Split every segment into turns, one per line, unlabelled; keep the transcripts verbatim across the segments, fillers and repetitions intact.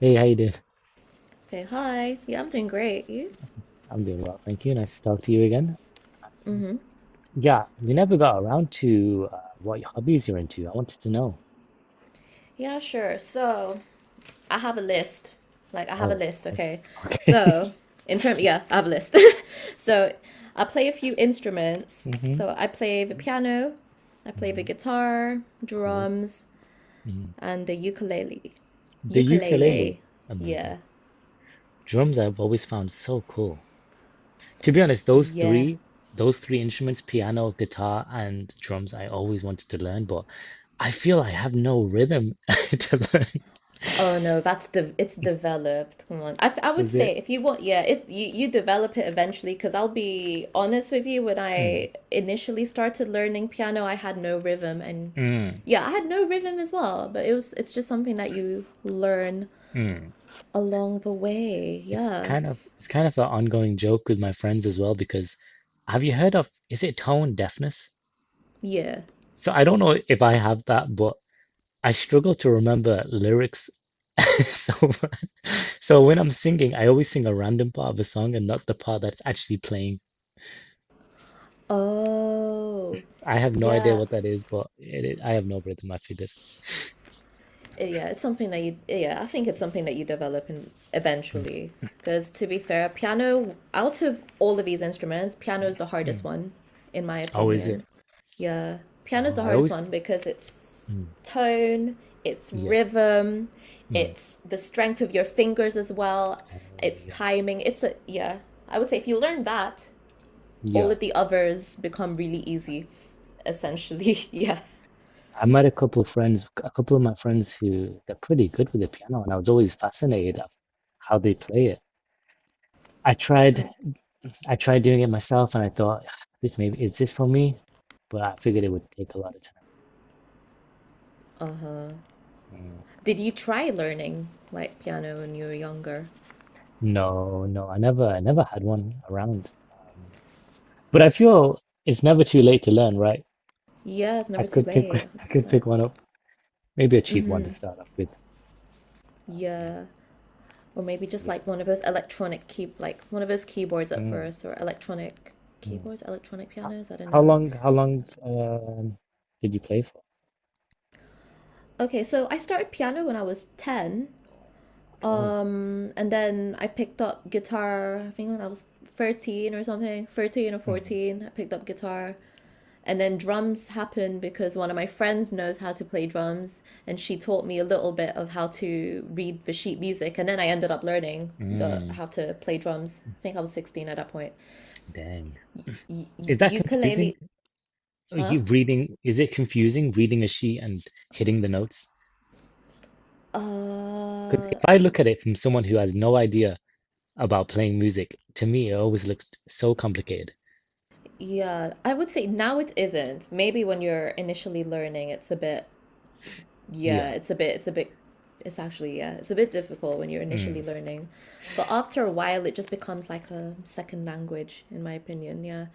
Hey, how you doing?
Okay, hi. Yeah, I'm doing great. You?
I'm doing well, thank you. Nice to talk to you again. Mm. Yeah, we never got around to uh, what hobbies you're into. I wanted to know.
Yeah, sure. So, I have a list. Like, I have a
Oh,
list, okay?
okay. Okay.
So, in term, yeah, I have a list. So, I play a few instruments.
hmm
So, I play the piano, I play the
hmm
guitar,
Cool.
drums,
hmm
and the ukulele.
The ukulele,
Ukulele.
amazing.
Yeah.
Drums I've always found so cool. To be honest, those
Yeah.
three, those three instruments, piano, guitar, and drums, I always wanted to learn, but I feel I have no rhythm to learn.
Oh no, that's de It's developed. Come on. I, f- I would
Is
say
it?
if you want, yeah, if you you develop it eventually, because I'll be honest with you, when
Mm,
I initially started learning piano, I had no rhythm, and
mm,
yeah, I had no rhythm as well. But it was it's just something that you learn
mm.
along the way.
It's
Yeah,
kind of it's kind of an ongoing joke with my friends as well because have you heard of is it tone deafness?
yeah.
So I don't know if I have that, but I struggle to remember lyrics. So so when I'm singing, I always sing a random part of a song and not the part that's actually playing.
Oh,
I have no idea
yeah.
what that is, but it, it- I have no rhythm. I figured.
Yeah, it's something that you yeah, I think it's something that you develop in
Mm,
eventually. Because to be fair, piano out of all of these instruments, piano is the hardest
mm.
one, in my
Oh, is it?
opinion. Yeah, piano is
Oh,
the
I
hardest
always.
one because it's
Mm,
tone, it's
yeah.
rhythm,
Mm.
it's the strength of your fingers as well,
Oh,
it's
yeah.
timing. It's a Yeah. I would say if you learn that, all
Yeah.
of the others become really easy, essentially. Yeah.
I met a couple of friends, a couple of my friends who they're pretty good with the piano, and I was always fascinated of how they play it. I tried, I tried doing it myself, and I thought, "Ah, this maybe is this for me? But I figured it would take a lot of time.
Uh huh.
Mm.
Did you try learning like piano when you were younger?
No, no, I never, I never had one around. Um, but I feel it's never too late to learn, right?
Yeah, it's
I
never too
could pick,
late,
I could pick
one hundred percent.
one up, maybe a cheap one to start off with. Mm,
Yeah. Or maybe just
yeah.
like one of those electronic key like one of those keyboards at
Mm,
first or electronic
mm.
keyboards, electronic
How,
pianos, I don't
how
know.
long, how long, um, did you play for?
Okay, so I started piano when I was ten.
Okay.
Um, and then I picked up guitar, I think when I was thirteen or something, thirteen or
Mm.
fourteen, I picked up guitar. And then drums happened because one of my friends knows how to play drums, and she taught me a little bit of how to read the sheet music. And then I ended up learning the
Mm,
how to play drums. I think I was sixteen at that point.
dang.
Y-
Is that
y- ukulele,
confusing? Are
huh?
you reading, is it confusing reading a sheet and hitting the notes? Because if
Uh,
I
n-
look at it from someone who has no idea about playing music, to me it always looks so complicated.
yeah, I would say now it isn't. Maybe when you're initially learning, it's a bit, yeah,
Yeah.
it's a bit, it's a bit, it's actually, yeah, it's a bit difficult when you're
Mm.
initially learning. But after a while, it just becomes like a second language, in my opinion, yeah.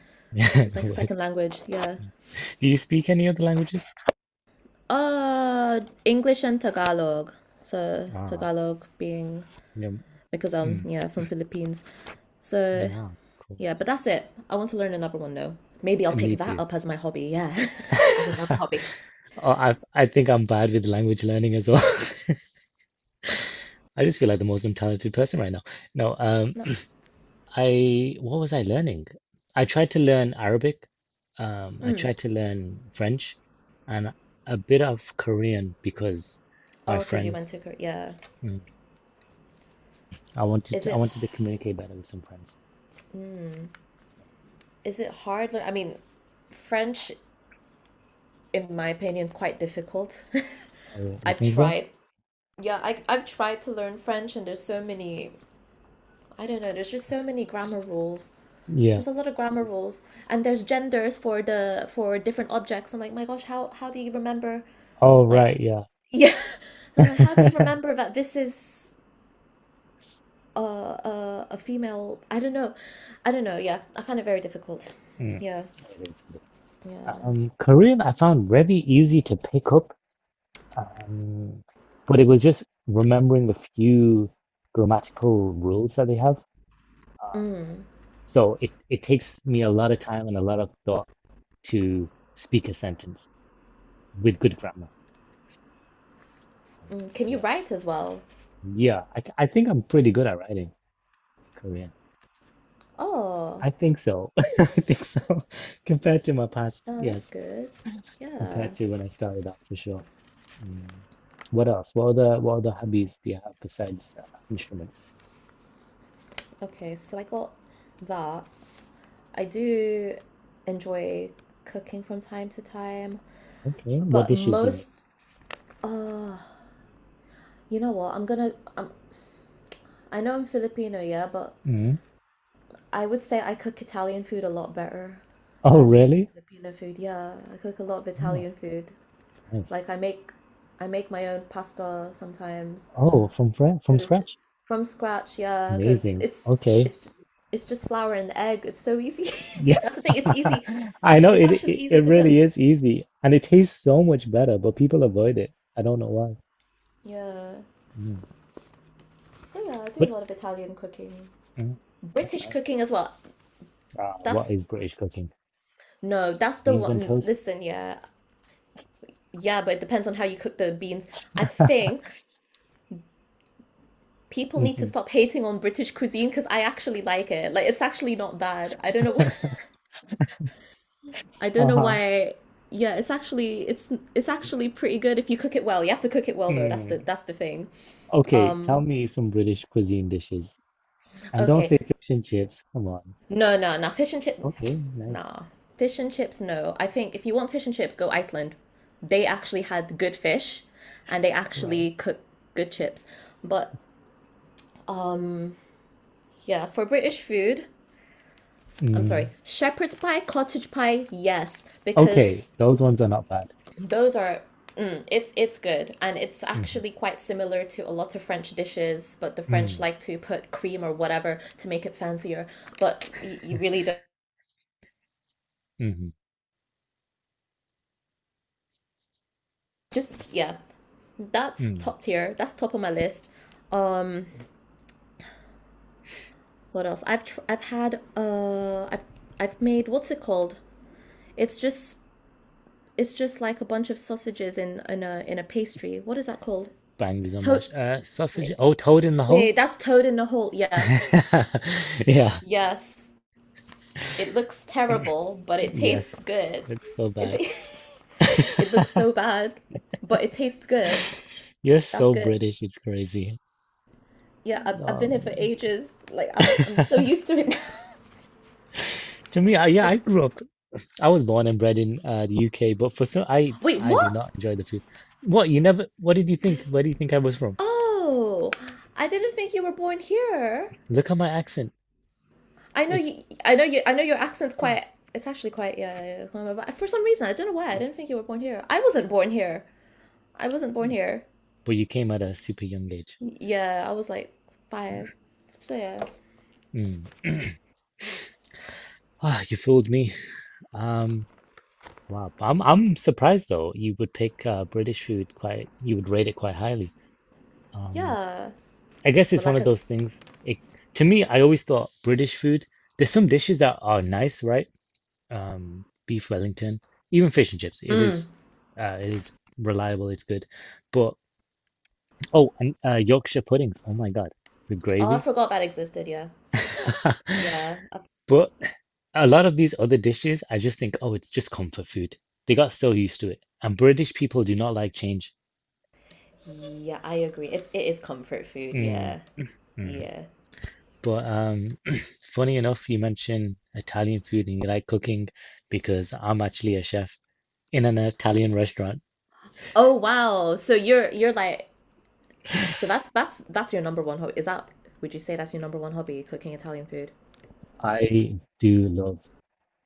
So it's like a
What?
second language, yeah.
Do you speak any other languages?
Uh, English and Tagalog. So
Ah,
Tagalog being
yeah.
because I'm
Mm.
yeah from Philippines. So
Ah, cool.
yeah, but that's it. I want to learn another one though. Maybe I'll
Uh, Me
pick that
too.
up as my hobby. Yeah. As another hobby.
Oh, I I think I'm bad with language learning as well. I just feel like the most untalented person right now. No, um.
No.
I what was I learning? I tried to learn Arabic, um, I tried to learn French, and a bit of Korean because my
Oh, because you went
friends.
to Korea. Yeah.
Mm, I wanted
Is
to, I
it
wanted to communicate better with some friends.
is it hard? lear- I mean, French, in my opinion, is quite difficult.
Oh, yeah, you
I've
think so?
tried. Yeah, I I've tried to learn French, and there's so many. I don't know. There's just so many grammar rules.
Yeah.
There's a lot of grammar rules, and there's genders for the for different objects. I'm like, my gosh, how how do you remember?
Oh,
Like,
right. Yeah.
yeah, I'm like, how do you remember that this is a a, a female? I don't know, I don't know. Yeah, I find it very difficult.
Mm,
Yeah,
it is. It is.
yeah.
Um, Korean I found very easy to pick up, um, but it was just remembering the few grammatical rules that they have.
Mm,
So it, it takes me a lot of time and a lot of thought to speak a sentence with good grammar. Um,
mm. Can you
yeah.
write as well?
Yeah. I, th- I think I'm pretty good at writing Korean.
Oh,
I think so. I think so. Compared to my past,
oh, that's
yes.
good. Yeah.
Compared to when I started out, for sure. Mm. What else? What other what other hobbies do you have besides uh, instruments?
Okay, so I got that. I do enjoy cooking from time to time,
Okay. What
but
dishes do you make?
most. Uh, You know what? I'm gonna. I'm, I know I'm Filipino, yeah, but
Mm.
I would say I cook Italian food a lot better
Oh,
than
really?
Filipino food. Yeah, I cook a lot of
Oh,
Italian food.
nice.
Like I make, I make my own pasta sometimes
Oh, from fra- from
because it's
scratch.
from scratch. Yeah, because
Amazing.
it's
Okay.
it's ju- it's just flour and egg. It's so easy.
Yeah,
That's the thing. It's easy.
I know
It's
it,
actually
it
easy
it
to cook.
really is easy and it tastes so much better, but people avoid it. I don't know why.
Yeah.
Mm.
So yeah, I do a
But
lot of Italian cooking.
mm, that's
British
nice.
cooking as well.
Uh, what
That's
is British cooking?
No, that's the
Beans and
one.
toast?
Listen, yeah, yeah, but it depends on how you cook the beans. I think people need to
Mhm.
stop hating on British cuisine because I actually like it. Like it's actually not bad. I don't know why. I don't know
Uh-huh.
why. Yeah, it's actually it's it's actually pretty good if you cook it well. You have to cook it well though. That's the
Mm.
that's the thing.
Okay, tell
Um,
me some British cuisine dishes. And don't
okay.
say fish and chips. Come on.
No, no, no. Fish and chip.
Okay, nice.
Nah. Fish and chips, no. I think if you want fish and chips, go Iceland. They actually had good fish and they
Right.
actually cook good chips. But yeah, for British food, I'm
Mm.
sorry, shepherd's pie, cottage pie, yes,
Okay,
because
those ones are not bad.
those are mm, it's it's good and it's
Hmm
actually quite similar to a lot of French dishes, but the French
Mm.
like to put cream or whatever to make it fancier, but you, you really don't
hmm
just yeah, that's
Mm.
top tier. That's top of my list. Um, what else? I've tr- I've had uh I've I've made what's it called? It's just it's just like a bunch of sausages in in a in a pastry. What is that called?
Bangers on
To-
mash. Uh, sausage.
wait
Oh, toad in the hole?
Wait, that's toad in the hole. Yeah.
Yeah.
Yes. It looks terrible, but it tastes
Yes.
good.
That's so
It,
bad.
ta- it looks so bad, but it tastes good.
You're
That's
so
good.
British. It's crazy.
Yeah, I've, I've
Oh
been here for
man.
ages. Like, I'm, I'm so used to it now.
To me, I, yeah,
Oh,
I grew up. I was born and bred in uh, the U K, but for some, I
wait,
I do
what?
not enjoy the food. What you never? What did you think? Where do you think I was from?
Oh, I didn't think you were born here.
Look at my accent.
I know
It's
you, I know you, I know your accent's quite, it's actually quite, yeah, yeah, yeah, yeah. For some reason, I don't know why, I didn't think you were born here. I wasn't born here. I wasn't born here.
but you came at a super young age.
Yeah, I was like five. So yeah.
Mm. Ah, you fooled me. Um, wow. I'm I'm surprised though. You would pick uh, British food quite. You would rate it quite highly. Um,
Yeah.
I guess
But
it's one
like
of
I s-
those things. It, to me, I always thought British food, there's some dishes that are nice, right? Um, beef Wellington, even fish and chips. It
Mm.
is, uh, it is reliable. It's good. But oh, and uh, Yorkshire puddings. Oh my God, with
Oh, I
gravy.
forgot that existed. Yeah, I, f- yeah, I, f-
But a lot of these other dishes, I just think, oh, it's just comfort food. They got so used to it. And British people do not like change.
yeah. I agree. It's it is comfort food.
Mm,
Yeah,
mm.
yeah.
But um, funny enough, you mentioned Italian food and you like cooking because I'm actually a chef in an Italian restaurant.
Oh wow. So you're you're like So that's that's that's your number one hobby. Is that Would you say that's your number one hobby? Cooking Italian food.
I do love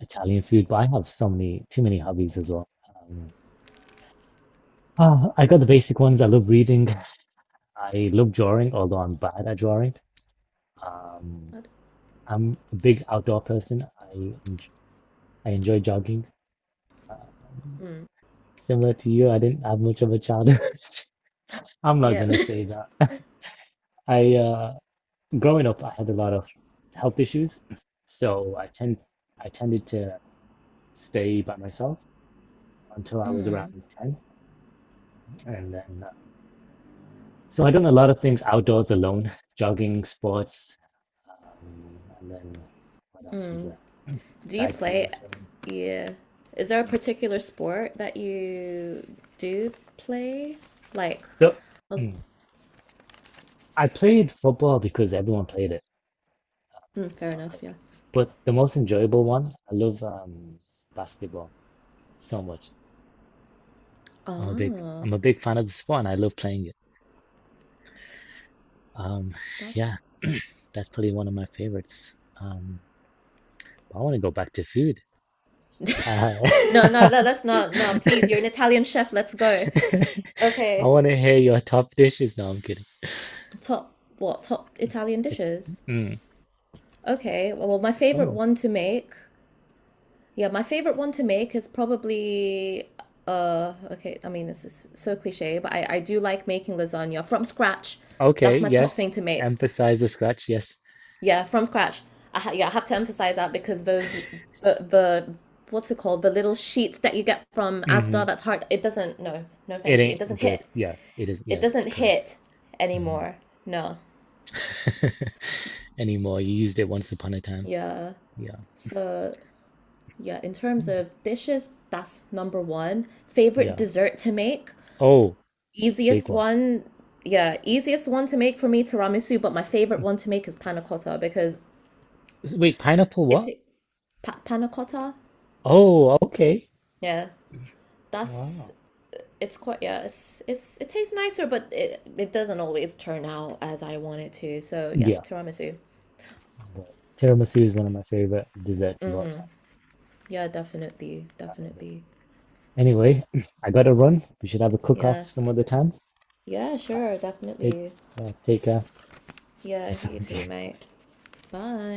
Italian food, but I have so many, too many hobbies as well. Um, ah, I got the basic ones. I love reading. I love drawing, although I'm bad at drawing. Um,
God.
I'm a big outdoor person. I enj I enjoy jogging.
Mm.
Similar to you, I didn't have much of a childhood. I'm not
Yeah.
gonna say that. I uh, growing up, I had a lot of health issues, so I tend I tended to stay by myself until I was around ten, and then uh, so I done a lot of things outdoors alone, jogging, sports, um, and then what else is
Mm.
there?
Do you
Cycling,
play?
swimming.
Yeah. Is there a
Mm.
particular sport that you do play? Like,
The,
I was
mm, I played football because everyone played it,
hmm. Fair enough,
soccer,
yeah.
but the most enjoyable one, I love um, basketball so much. I'm a big
Ah,
I'm a big fan of the sport, and I love playing it. Um,
pasta.
yeah. That's probably one of my favorites. Um, I want to go back to food. Uh,
No, no,
I
no, let's not. No, please, you're an Italian chef. Let's go. Okay.
want to hear your top dishes. No, I'm kidding.
Top, what? Top Italian dishes.
Mm.
Okay. Well, my favorite
Oh,
one to make. Yeah, my favorite one to make is probably uh okay, I mean, this is so cliche, but I I do like making lasagna from scratch.
okay.
That's my top
Yes.
thing to make.
Emphasize the scratch. Yes.
Yeah, from scratch. I ha- yeah, I have to emphasize that because those the the what's it called, the little sheets that you get from Asda
hmm
that's hard. It doesn't, no, no
It
thank you. It doesn't
ain't good.
hit.
Yeah, it is.
It
Yes,
doesn't
correct.
hit
Hmm
anymore. No.
Anymore. You used it once upon a time.
Yeah.
Yeah.
So yeah, in terms
Mm.
of dishes, that's number one. Favorite
Yeah.
dessert to make,
Oh, big
easiest
one.
one. Yeah, easiest one to make for me tiramisu, but my favorite one to make is panna cotta because
Wait, pineapple
it
what?
ta- pa- panna cotta.
Oh, okay.
Yeah, that's
Wow.
it's quite yeah it's it's it tastes nicer but it it doesn't always turn out as I want it to, so yeah,
Yeah.
tiramisu,
But Tiramisu is one of my favorite desserts of all time.
yeah, definitely,
I love it.
definitely,
Anyway, I gotta run. We should have a cook
yeah,
off some other time.
yeah,
Uh,
sure,
take,
definitely.
uh, take, uh,
Yeah,
it's
you
on to you.
too
Bye.
mate. Bye.